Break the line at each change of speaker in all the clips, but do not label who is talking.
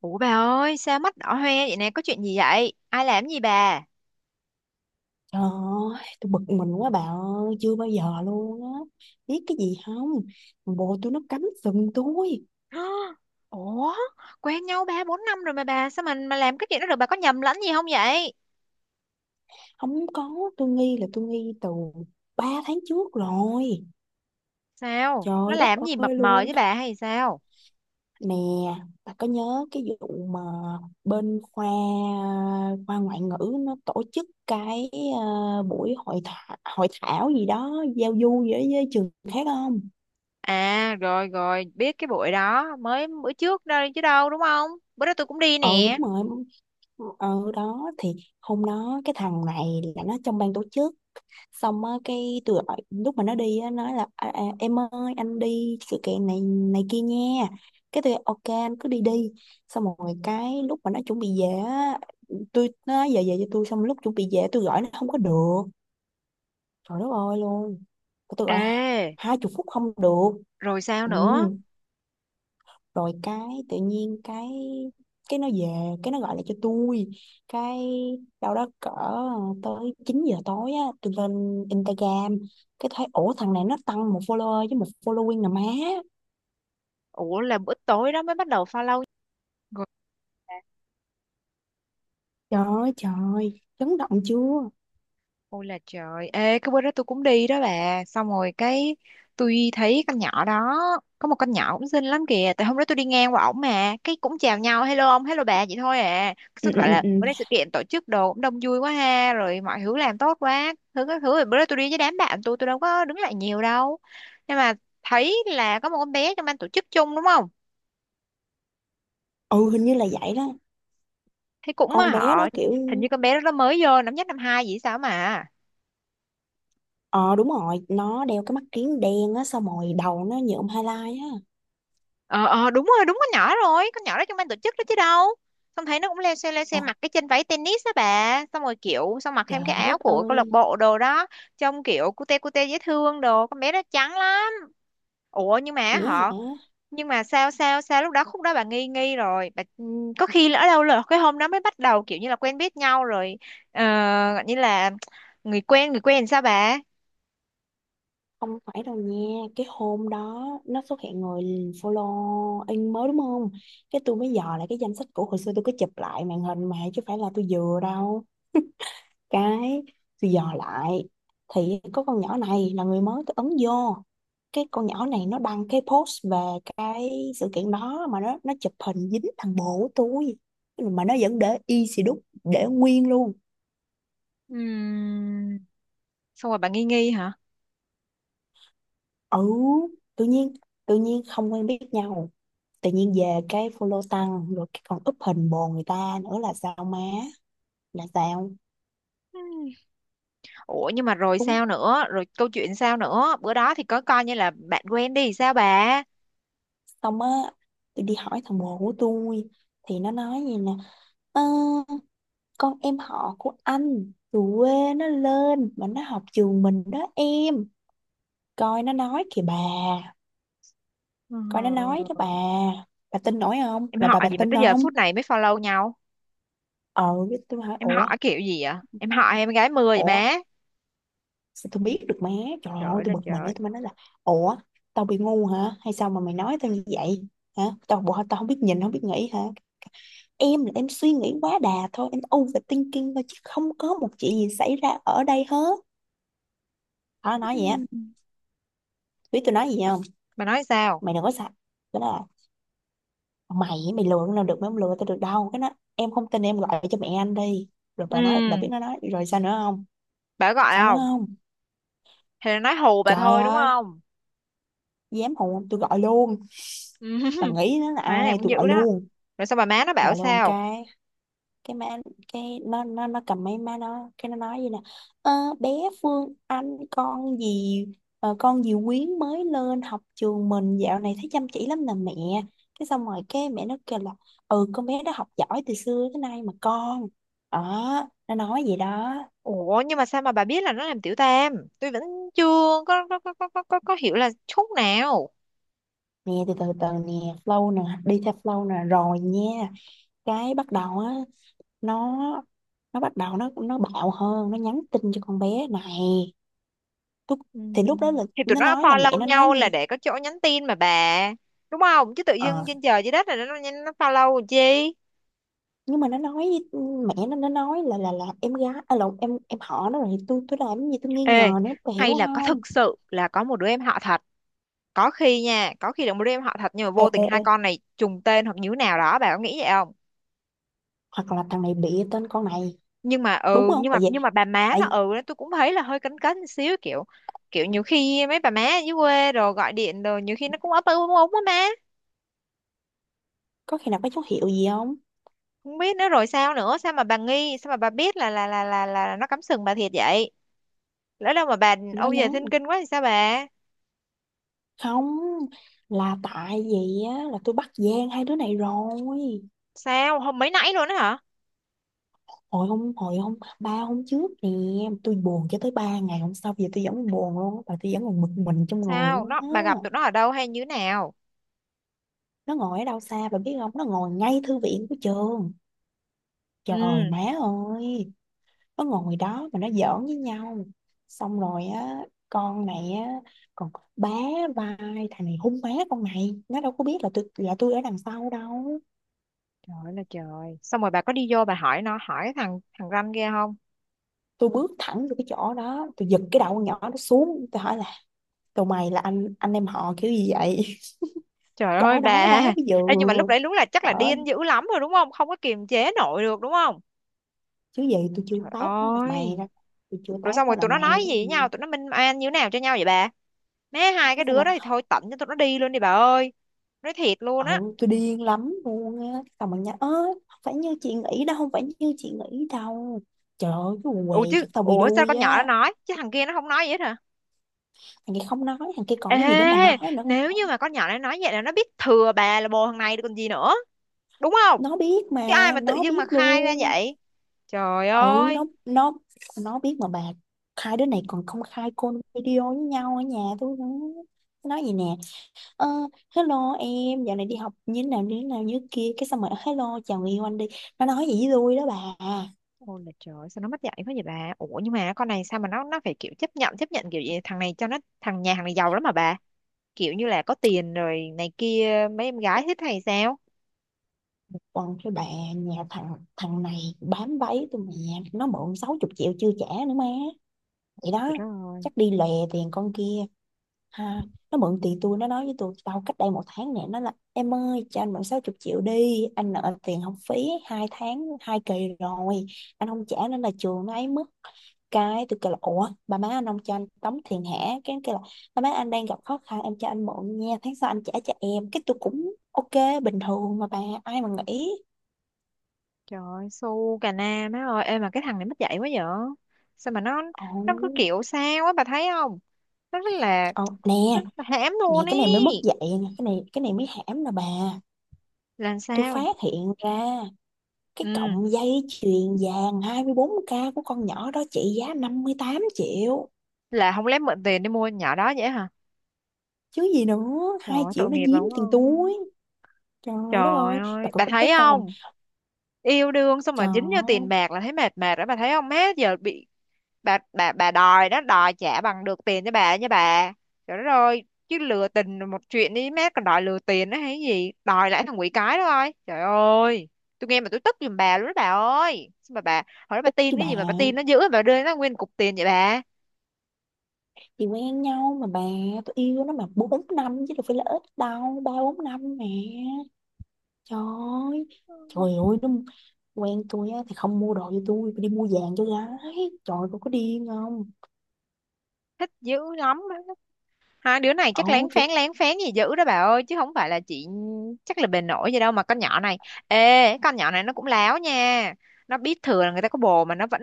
Ủa bà ơi, sao mắt đỏ hoe vậy nè, có chuyện gì vậy? Ai làm gì bà?
Trời ơi, tôi bực mình quá bà ơi, chưa bao giờ luôn á. Biết cái gì không? Thằng Bồ tôi nó cắm sừng tôi.
Hả? Ủa, quen nhau 3 4 năm rồi mà bà, sao mình mà làm cái chuyện đó được, bà có nhầm lẫn gì không vậy?
Không có, tôi nghi là tôi nghi từ 3 tháng trước rồi.
Sao? Nó
Trời đất
làm gì mập
ơi
mờ
luôn.
với bà hay sao?
Nè, bà có nhớ cái vụ mà bên khoa khoa ngoại ngữ nó tổ chức cái buổi hội thảo, giao du gì đó với trường khác không?
À, rồi rồi, biết cái buổi đó, mới bữa trước đây chứ đâu, đúng không? Bữa đó tôi cũng đi
Ừ
nè.
đúng rồi, ở đó thì hôm đó cái thằng này là nó trong ban tổ chức, xong á cái tôi gọi lúc mà nó đi á, nói là em ơi anh đi sự kiện này này kia nha. Cái tôi ok anh cứ đi đi, xong rồi cái lúc mà nó chuẩn bị về á tôi nó nói, giờ về cho tôi. Xong lúc chuẩn bị về tôi gọi nó không có được, trời đất ơi luôn, tôi gọi
Ê,
20 phút không được.
rồi sao
Ừ,
nữa?
rồi cái tự nhiên cái nó về cái nó gọi lại cho tôi, cái đâu đó cỡ tới 9 giờ tối á tôi lên Instagram cái thấy, ủa thằng này nó tăng một follower với một following nè má,
Ủa, là bữa tối đó mới bắt đầu follow rồi.
trời ơi trời chấn động chưa.
Ôi là trời, ê cái bữa đó tôi cũng đi đó bà. Xong rồi cái tôi thấy con nhỏ đó. Có một con nhỏ cũng xinh lắm kìa. Tại hôm đó tôi đi ngang qua ổng mà, cái cũng chào nhau, hello ông, hello bà vậy thôi à. Xong
ừ,
tôi
ừ,
bảo
ừ,
là
ừ.
bữa nay sự kiện tổ chức đồ cũng đông vui quá ha, rồi mọi thứ làm tốt quá. Các thứ. Rồi bữa đó tôi đi với đám bạn tôi đâu có đứng lại nhiều đâu. Nhưng mà thấy là có một con bé trong ban tổ chức chung đúng không?
Ừ, hình như là vậy đó,
Thấy cũng mà
con bé
họ,
đó kiểu,
hình như con bé đó nó mới vô năm nhất năm hai gì sao mà.
ờ đúng rồi nó đeo cái mắt kiếng đen á xong rồi đầu nó nhuộm highlight á.
Ờ ờ, đúng rồi, đúng con nhỏ rồi, con nhỏ đó trong ban tổ chức đó chứ đâu. Xong thấy nó cũng leo xe
Ồ,
mặc cái chân váy tennis đó bà, xong rồi kiểu, xong mặc thêm cái
trời
áo
đất
của câu lạc
ơi,
bộ đồ đó. Trông kiểu cute cute dễ thương đồ, con bé đó trắng lắm. Ủa nhưng mà
dễ
họ,
hả?
nhưng mà sao sao sao lúc đó, khúc đó bà nghi nghi rồi bà. Có khi lỡ đâu là cái hôm đó mới bắt đầu kiểu như là quen biết nhau rồi. ờ, Gọi như là người quen làm sao bà.
Không phải đâu nha, cái hôm đó nó xuất hiện người follow in mới đúng không? Cái tôi mới dò lại cái danh sách cũ, hồi xưa tôi có chụp lại màn hình mà chứ phải là tôi dừa đâu. Cái tôi dò lại thì có con nhỏ này là người mới, tôi ấn vô. Cái con nhỏ này nó đăng cái post về cái sự kiện đó mà nó chụp hình dính thằng bồ của tôi. Mà nó vẫn để y xì đúc, để nguyên luôn.
Ừm, Xong rồi bà nghi nghi hả?
Ừ, tự nhiên tự nhiên không quen biết nhau, tự nhiên về cái follow tăng, rồi cái còn up hình bồ người ta nữa là sao má, là sao?
Ủa nhưng mà rồi
Đúng,
sao nữa? Rồi câu chuyện sao nữa? Bữa đó thì có coi như là bạn quen đi sao bà?
xong á tôi đi hỏi thằng bồ của tôi thì nó nói gì nè: "Ờ, con em họ của anh từ quê nó lên mà nó học trường mình đó em." Coi nó nói kìa bà,
Ừ.
coi nó nói đó bà tin nổi không
Em
là
họ
bà
gì mà
tin
tới giờ
không?
phút này mới follow nhau?
Ờ cái tôi hỏi
Em
ủa,
họ kiểu gì vậy? Em họ em gái mưa vậy
ủa
má?
sao tôi biết được má. Trời
Trời
ơi
ơi
tôi
là
bực mình ấy,
trời.
tôi mới nói là: "Ủa tao bị ngu hả? Hay sao mà mày nói tao như vậy? Hả? Tao bộ tao không biết nhìn không biết nghĩ hả?" "Em là em suy nghĩ quá đà thôi, em overthinking thôi, chứ không có một chuyện gì xảy ra ở đây hết." Nó nói vậy á.
Ừ.
Biết tôi nói gì không?
Bà nói sao?
"Mày đừng có sợ, cái đó là, Mày mày lừa nó được, mày không lừa tao được đâu. Cái đó, em không tin em gọi cho mẹ anh đi." Rồi
Ừ.
bà nói bà biết nó nói rồi sao nữa không,
Bà có gọi
sao nữa
không?
không?
Hay là nói hù bà
Trời
thôi đúng
ơi,
không?
dám hù không? Tôi gọi luôn.
Ừ.
Bà nghĩ nó là
Má này
ai,
cũng
tôi
dữ
gọi
đó.
luôn.
Rồi sao, bà má nó
Tôi
bảo
gọi luôn
sao?
cái má, cái nó cầm máy má nó, cái nó nói gì nè: "Ờ, bé Phương Anh con gì, ờ, con gì Quyến mới lên học trường mình, dạo này thấy chăm chỉ lắm nè mẹ." Cái xong rồi cái mẹ nó kêu là: "Ừ con bé đó học giỏi từ xưa tới nay mà con." Đó, nó nói vậy đó.
Ủa nhưng mà sao mà bà biết là nó làm tiểu tam? Tôi vẫn chưa có hiểu là chút nào.
Nè từ từ từ nè, flow nè, đi theo flow nè rồi nha. Cái bắt đầu á, nó nó bắt đầu nó bạo hơn, nó nhắn tin cho con bé này. Tôi,
Ừ.
thì lúc đó là
Thì tụi
nó
nó
nói là mẹ
follow
nó nói
nhau
nha.
là để có chỗ nhắn tin mà bà, đúng không? Chứ tự dưng
Ờ
trên trời dưới đất này nó follow làm chi.
nhưng mà nó nói với-, mẹ nó nói là là em gái à, là em họ nó, rồi tôi làm cái gì tôi nghi
Ê,
ngờ nữa, bà hiểu
hay là có
không?
thực sự là có một đứa em họ thật, có khi nha, có khi là một đứa em họ thật nhưng mà
Ê,
vô tình
ê,
hai
ê,
con này trùng tên hoặc như thế nào đó, bà có nghĩ vậy không?
hoặc là thằng này bịa tên con này đúng không? tại
Nhưng
vì
mà bà má nó,
tại
ừ, tôi cũng thấy là hơi cấn cấn một xíu, kiểu, kiểu nhiều khi mấy bà má ở dưới quê rồi gọi điện rồi nhiều khi nó cũng ấp úng úng á má.
có khi nào có dấu hiệu gì không?
Không biết nữa, rồi sao nữa, sao mà bà nghi, sao mà bà biết là nó cắm sừng bà thiệt vậy? Lỡ đâu mà bà
Nó
âu
nhắn,
yếm thinh kinh quá thì sao bà?
không, là tại vì á là tôi bắt gian hai đứa này rồi.
Sao, hôm mấy nãy luôn á hả?
Hồi hôm 3 hôm trước nè, tôi buồn cho tới 3 ngày hôm sau, giờ tôi vẫn buồn luôn á, và tôi vẫn còn bực mình trong người
Sao
luôn
nó,
á.
bà gặp tụi nó ở đâu hay như thế nào?
Nó ngồi ở đâu xa bà biết không, nó ngồi ngay thư viện của trường, trời
Ừ.
má ơi. Nó ngồi đó mà nó giỡn với nhau, xong rồi á con này á còn bá vai thằng này hung má, con này nó đâu có biết là tôi ở đằng sau đâu.
Trời ơi là trời, xong rồi bà có đi vô bà hỏi nó, hỏi cái thằng thằng ranh kia không?
Tôi bước thẳng vô cái chỗ đó, tôi giật cái đầu con nhỏ nó xuống, tôi hỏi là: "Tụi mày là anh em họ kiểu gì vậy?"
Trời ơi
Cỡ đó
bà.
đó, bây giờ
Ê, nhưng mà lúc đấy đúng là chắc là
cỡ,
điên dữ lắm rồi đúng không, không có kiềm chế nổi được đúng không?
chứ gì tôi chưa
Trời
tát nó là mày
ơi.
đó, tôi chưa
Rồi
tát
xong
nó
rồi
là
tụi nó
mày
nói
đó
gì với
gì.
nhau, tụi nó minh oan như thế nào cho nhau vậy bà? Má, hai
Cái
cái
sao
đứa
mà,
đó thì thôi, tận cho tụi nó đi luôn đi bà ơi. Nói thiệt luôn á.
ừ tôi điên lắm luôn á. Xong bạn nhắn: "Ơ không phải như chị nghĩ đâu, không phải như chị nghĩ đâu." Trời ơi cái quần què, chắc tao bị
Ủa sao
đuôi
con nhỏ nó
á.
nói, chứ thằng kia nó không nói gì hết hả?
Thằng kia không nói, thằng kia
Ê,
còn cái gì để mà nói nữa.
nếu như mà con nhỏ này nói vậy là nó biết thừa bà là bồ thằng này rồi còn gì nữa. Đúng không?
Nó biết mà,
Chứ ai mà tự
nó
dưng
biết
mà khai ra
luôn.
vậy. Trời
Ừ, nó
ơi.
nó nó biết mà bà. Hai đứa này còn công khai call video với nhau ở nhà tôi nữa. Nó nói gì nè: "Ờ, hello em dạo này đi học như thế nào như thế nào như thế kia." Cái xong rồi: "Hello chào người yêu anh đi." Nó nói gì với tôi đó bà.
Ôi là trời, sao nó mất dạy quá vậy bà. Ủa nhưng mà con này sao mà nó phải kiểu chấp nhận, chấp nhận kiểu gì? Thằng này cho nó, thằng nhà hàng này giàu lắm mà bà, kiểu như là có tiền rồi này kia mấy em gái thích hay sao?
Còn cái bà, nhà thằng thằng này bám váy tôi mà, nó mượn 60 triệu chưa trả nữa má, vậy đó.
Trời đất ơi.
Chắc đi lè tiền con kia ha. Nó mượn tiền tôi, nó nói với tôi tao cách đây 1 tháng nè, nó là: "Em ơi cho anh mượn 60 triệu đi, anh nợ tiền học phí 2 tháng 2 kỳ rồi, anh không trả nên là trường nó ấy mất." Cái tôi kêu là: "Ủa bà má anh không cho anh tống tiền hả?" Cái anh kêu là: "Bà má anh đang gặp khó khăn, em cho anh mượn nha, tháng sau anh trả cho em." Cái tôi cũng ok, bình thường mà bà, ai mà nghĩ.
Trời ơi su cà na má ơi, ê mà cái thằng này mất dạy quá vậy, sao mà nó
Ồ,
nó cứ kiểu sao á bà thấy không? Nó rất là,
ồ, nè,
nó hãm
Nè,
luôn ý.
cái này mới mất dạy nè, cái này mới hãm nè bà.
Làm
Tôi
sao?
phát hiện ra cái
Ừ,
cọng dây chuyền vàng 24K của con nhỏ đó trị giá 58 triệu.
là không, lấy mượn tiền đi mua con nhỏ đó vậy hả?
Chứ gì nữa,
Trời
2
ơi
triệu
tội
nó
nghiệp bà
giếm
đúng
tiền
không?
túi. Trời đất
Trời
ơi, bà
ơi bà
có
thấy
tức không?
không, yêu đương xong mà dính vô tiền
Trời,
bạc là thấy mệt mệt đó bà thấy không má, giờ bị, bà đòi đó, đòi trả bằng được tiền cho bà nha bà. Trời đất ơi, chứ lừa tình là một chuyện đi mát, còn đòi lừa tiền đó hay gì, đòi lại thằng quỷ cái đó thôi, trời ơi. Tôi nghe mà tôi tức giùm bà luôn đó bà ơi, sao mà bà hồi đó bà
tức chứ
tin
bà.
cái gì mà bà tin nó dữ, bà đưa nó nguyên cục tiền vậy bà?
Thì quen nhau mà bà, tôi yêu nó mà 4 năm chứ đâu phải là ít đâu, 3 4 năm mẹ. Trời ơi, trời ơi, nó quen tôi á thì không mua đồ cho tôi đi mua vàng cho gái. Trời ơi, cô có điên không?
Thích dữ lắm. Hai đứa này
Ờ
chắc
kiểu,
lén phén gì dữ đó bà ơi, chứ không phải là chị, chắc là bề nổi gì đâu mà con nhỏ này. Ê con nhỏ này nó cũng láo nha, nó biết thừa là người ta có bồ mà nó vẫn,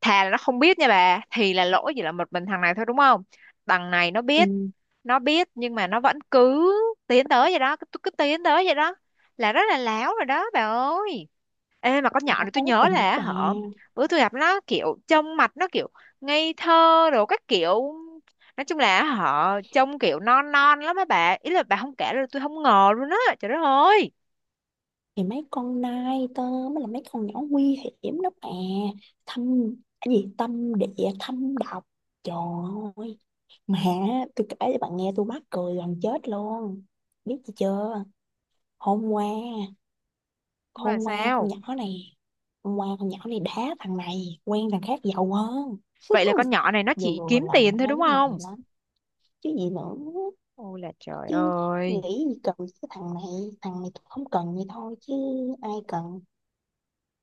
thà là nó không biết nha bà thì là lỗi chỉ là một mình thằng này thôi đúng không? Thằng này nó biết,
ừ,
nó biết nhưng mà nó vẫn cứ tiến tới vậy đó, cứ tiến tới vậy đó, là rất là láo rồi đó bà ơi. Ê mà con
là
nhỏ
nó
này tôi
cố
nhớ
tình đó
là
bà.
họ, bữa tôi gặp nó kiểu trông mặt nó kiểu ngây thơ rồi các kiểu, nói chung là họ trông kiểu non non lắm á bà, ý là bà không kể là tôi không ngờ luôn á, trời đất ơi.
Thì mấy con nai tơ mới là mấy con nhỏ nguy hiểm đó bà, thâm, cái gì tâm địa thâm độc. Trời ơi mà tôi kể cho bạn nghe, tôi mắc cười gần chết luôn. Biết gì chưa, hôm qua,
Nhưng mà
hôm qua con
sao,
nhỏ này hôm qua con nhỏ này đá thằng này quen thằng khác giàu hơn.
vậy là con nhỏ này nó chỉ
Vừa
kiếm
lòng
tiền thôi
hai
đúng
đứa mày
không?
lắm, chứ gì nữa.
Ôi là trời
Chứ nghĩ
ơi.
gì cần cái thằng này, thằng này tôi không cần vậy thôi, chứ ai cần.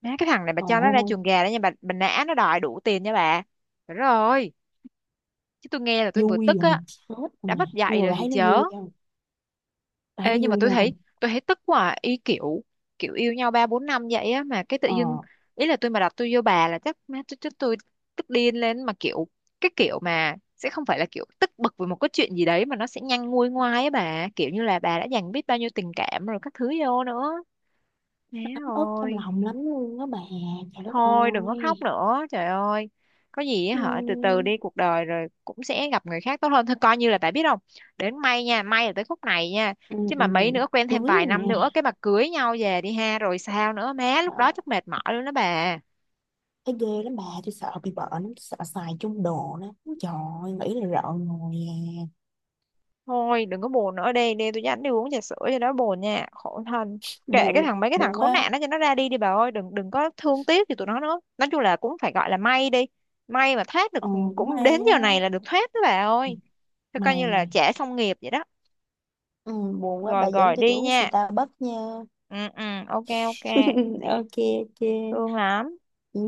Má cái thằng này bà cho nó ra
Ôi
chuồng gà đó nha bà nã nó đòi đủ tiền nha bà. Trời đất ơi, chứ tôi nghe là tôi vừa
vui
tức á,
gần chết rồi
đã
mà,
mất
nhưng
dạy
mà
rồi
bà
thì
thấy nó
chớ.
vui không, bà thấy
Ê,
nó
nhưng mà
vui
tôi thấy,
không?
tôi thấy tức quá à, ý kiểu kiểu yêu nhau 3 4 năm vậy á mà cái tự
Ờ
dưng,
nó,
ý là tôi mà đặt tôi vô bà là chắc má tôi chắc tôi tức điên lên mà kiểu, cái kiểu mà sẽ không phải là kiểu tức bực vì một cái chuyện gì đấy mà nó sẽ nhanh nguôi ngoai á bà, kiểu như là bà đã dành biết bao nhiêu tình cảm rồi các thứ vô nữa. Má
ấm ức trong
ơi,
lòng lắm luôn đó bà, trời đất
thôi đừng có khóc
ơi.
nữa trời ơi, có gì á
ừ,
hả, từ từ đi, cuộc đời rồi cũng sẽ gặp người khác tốt hơn thôi, coi như là tại, biết không, đến may nha, may là tới khúc này nha,
ừ,
chứ
ừ.
mà mấy nữa quen
Cưới
thêm vài
rồi nè.
năm nữa cái mà cưới nhau về đi ha rồi sao nữa má, lúc
Ờ,
đó chắc mệt mỏi luôn đó bà.
thấy ghê lắm bà, tôi sợ bị bệnh lắm, tôi sợ xài chung đồ đó. Trời ơi, nghĩ là rợn người à.
Thôi đừng có buồn nữa, đi đi, tôi dẫn đi uống trà sữa cho nó buồn nha, khổ thân. Kệ cái
Buồn
thằng, mấy cái thằng
Buồn
khốn
quá.
nạn đó cho nó ra đi đi bà ơi, đừng đừng có thương tiếc thì tụi nó nữa, nói chung là cũng phải gọi là may đi, may mà thoát
Ờ
được. Ừ,
cũng
cũng đến
may
giờ này
đó
là được thoát đó bà ơi. Thế coi như là
mày.
trả xong nghiệp vậy đó.
Ừ, buồn quá,
Rồi
bà dẫn
rồi,
cho tôi
đi
uống
nha.
Starbucks nha.
Ừ ừ, ok ok,
Ok, ok.
thương lắm.
Ừ.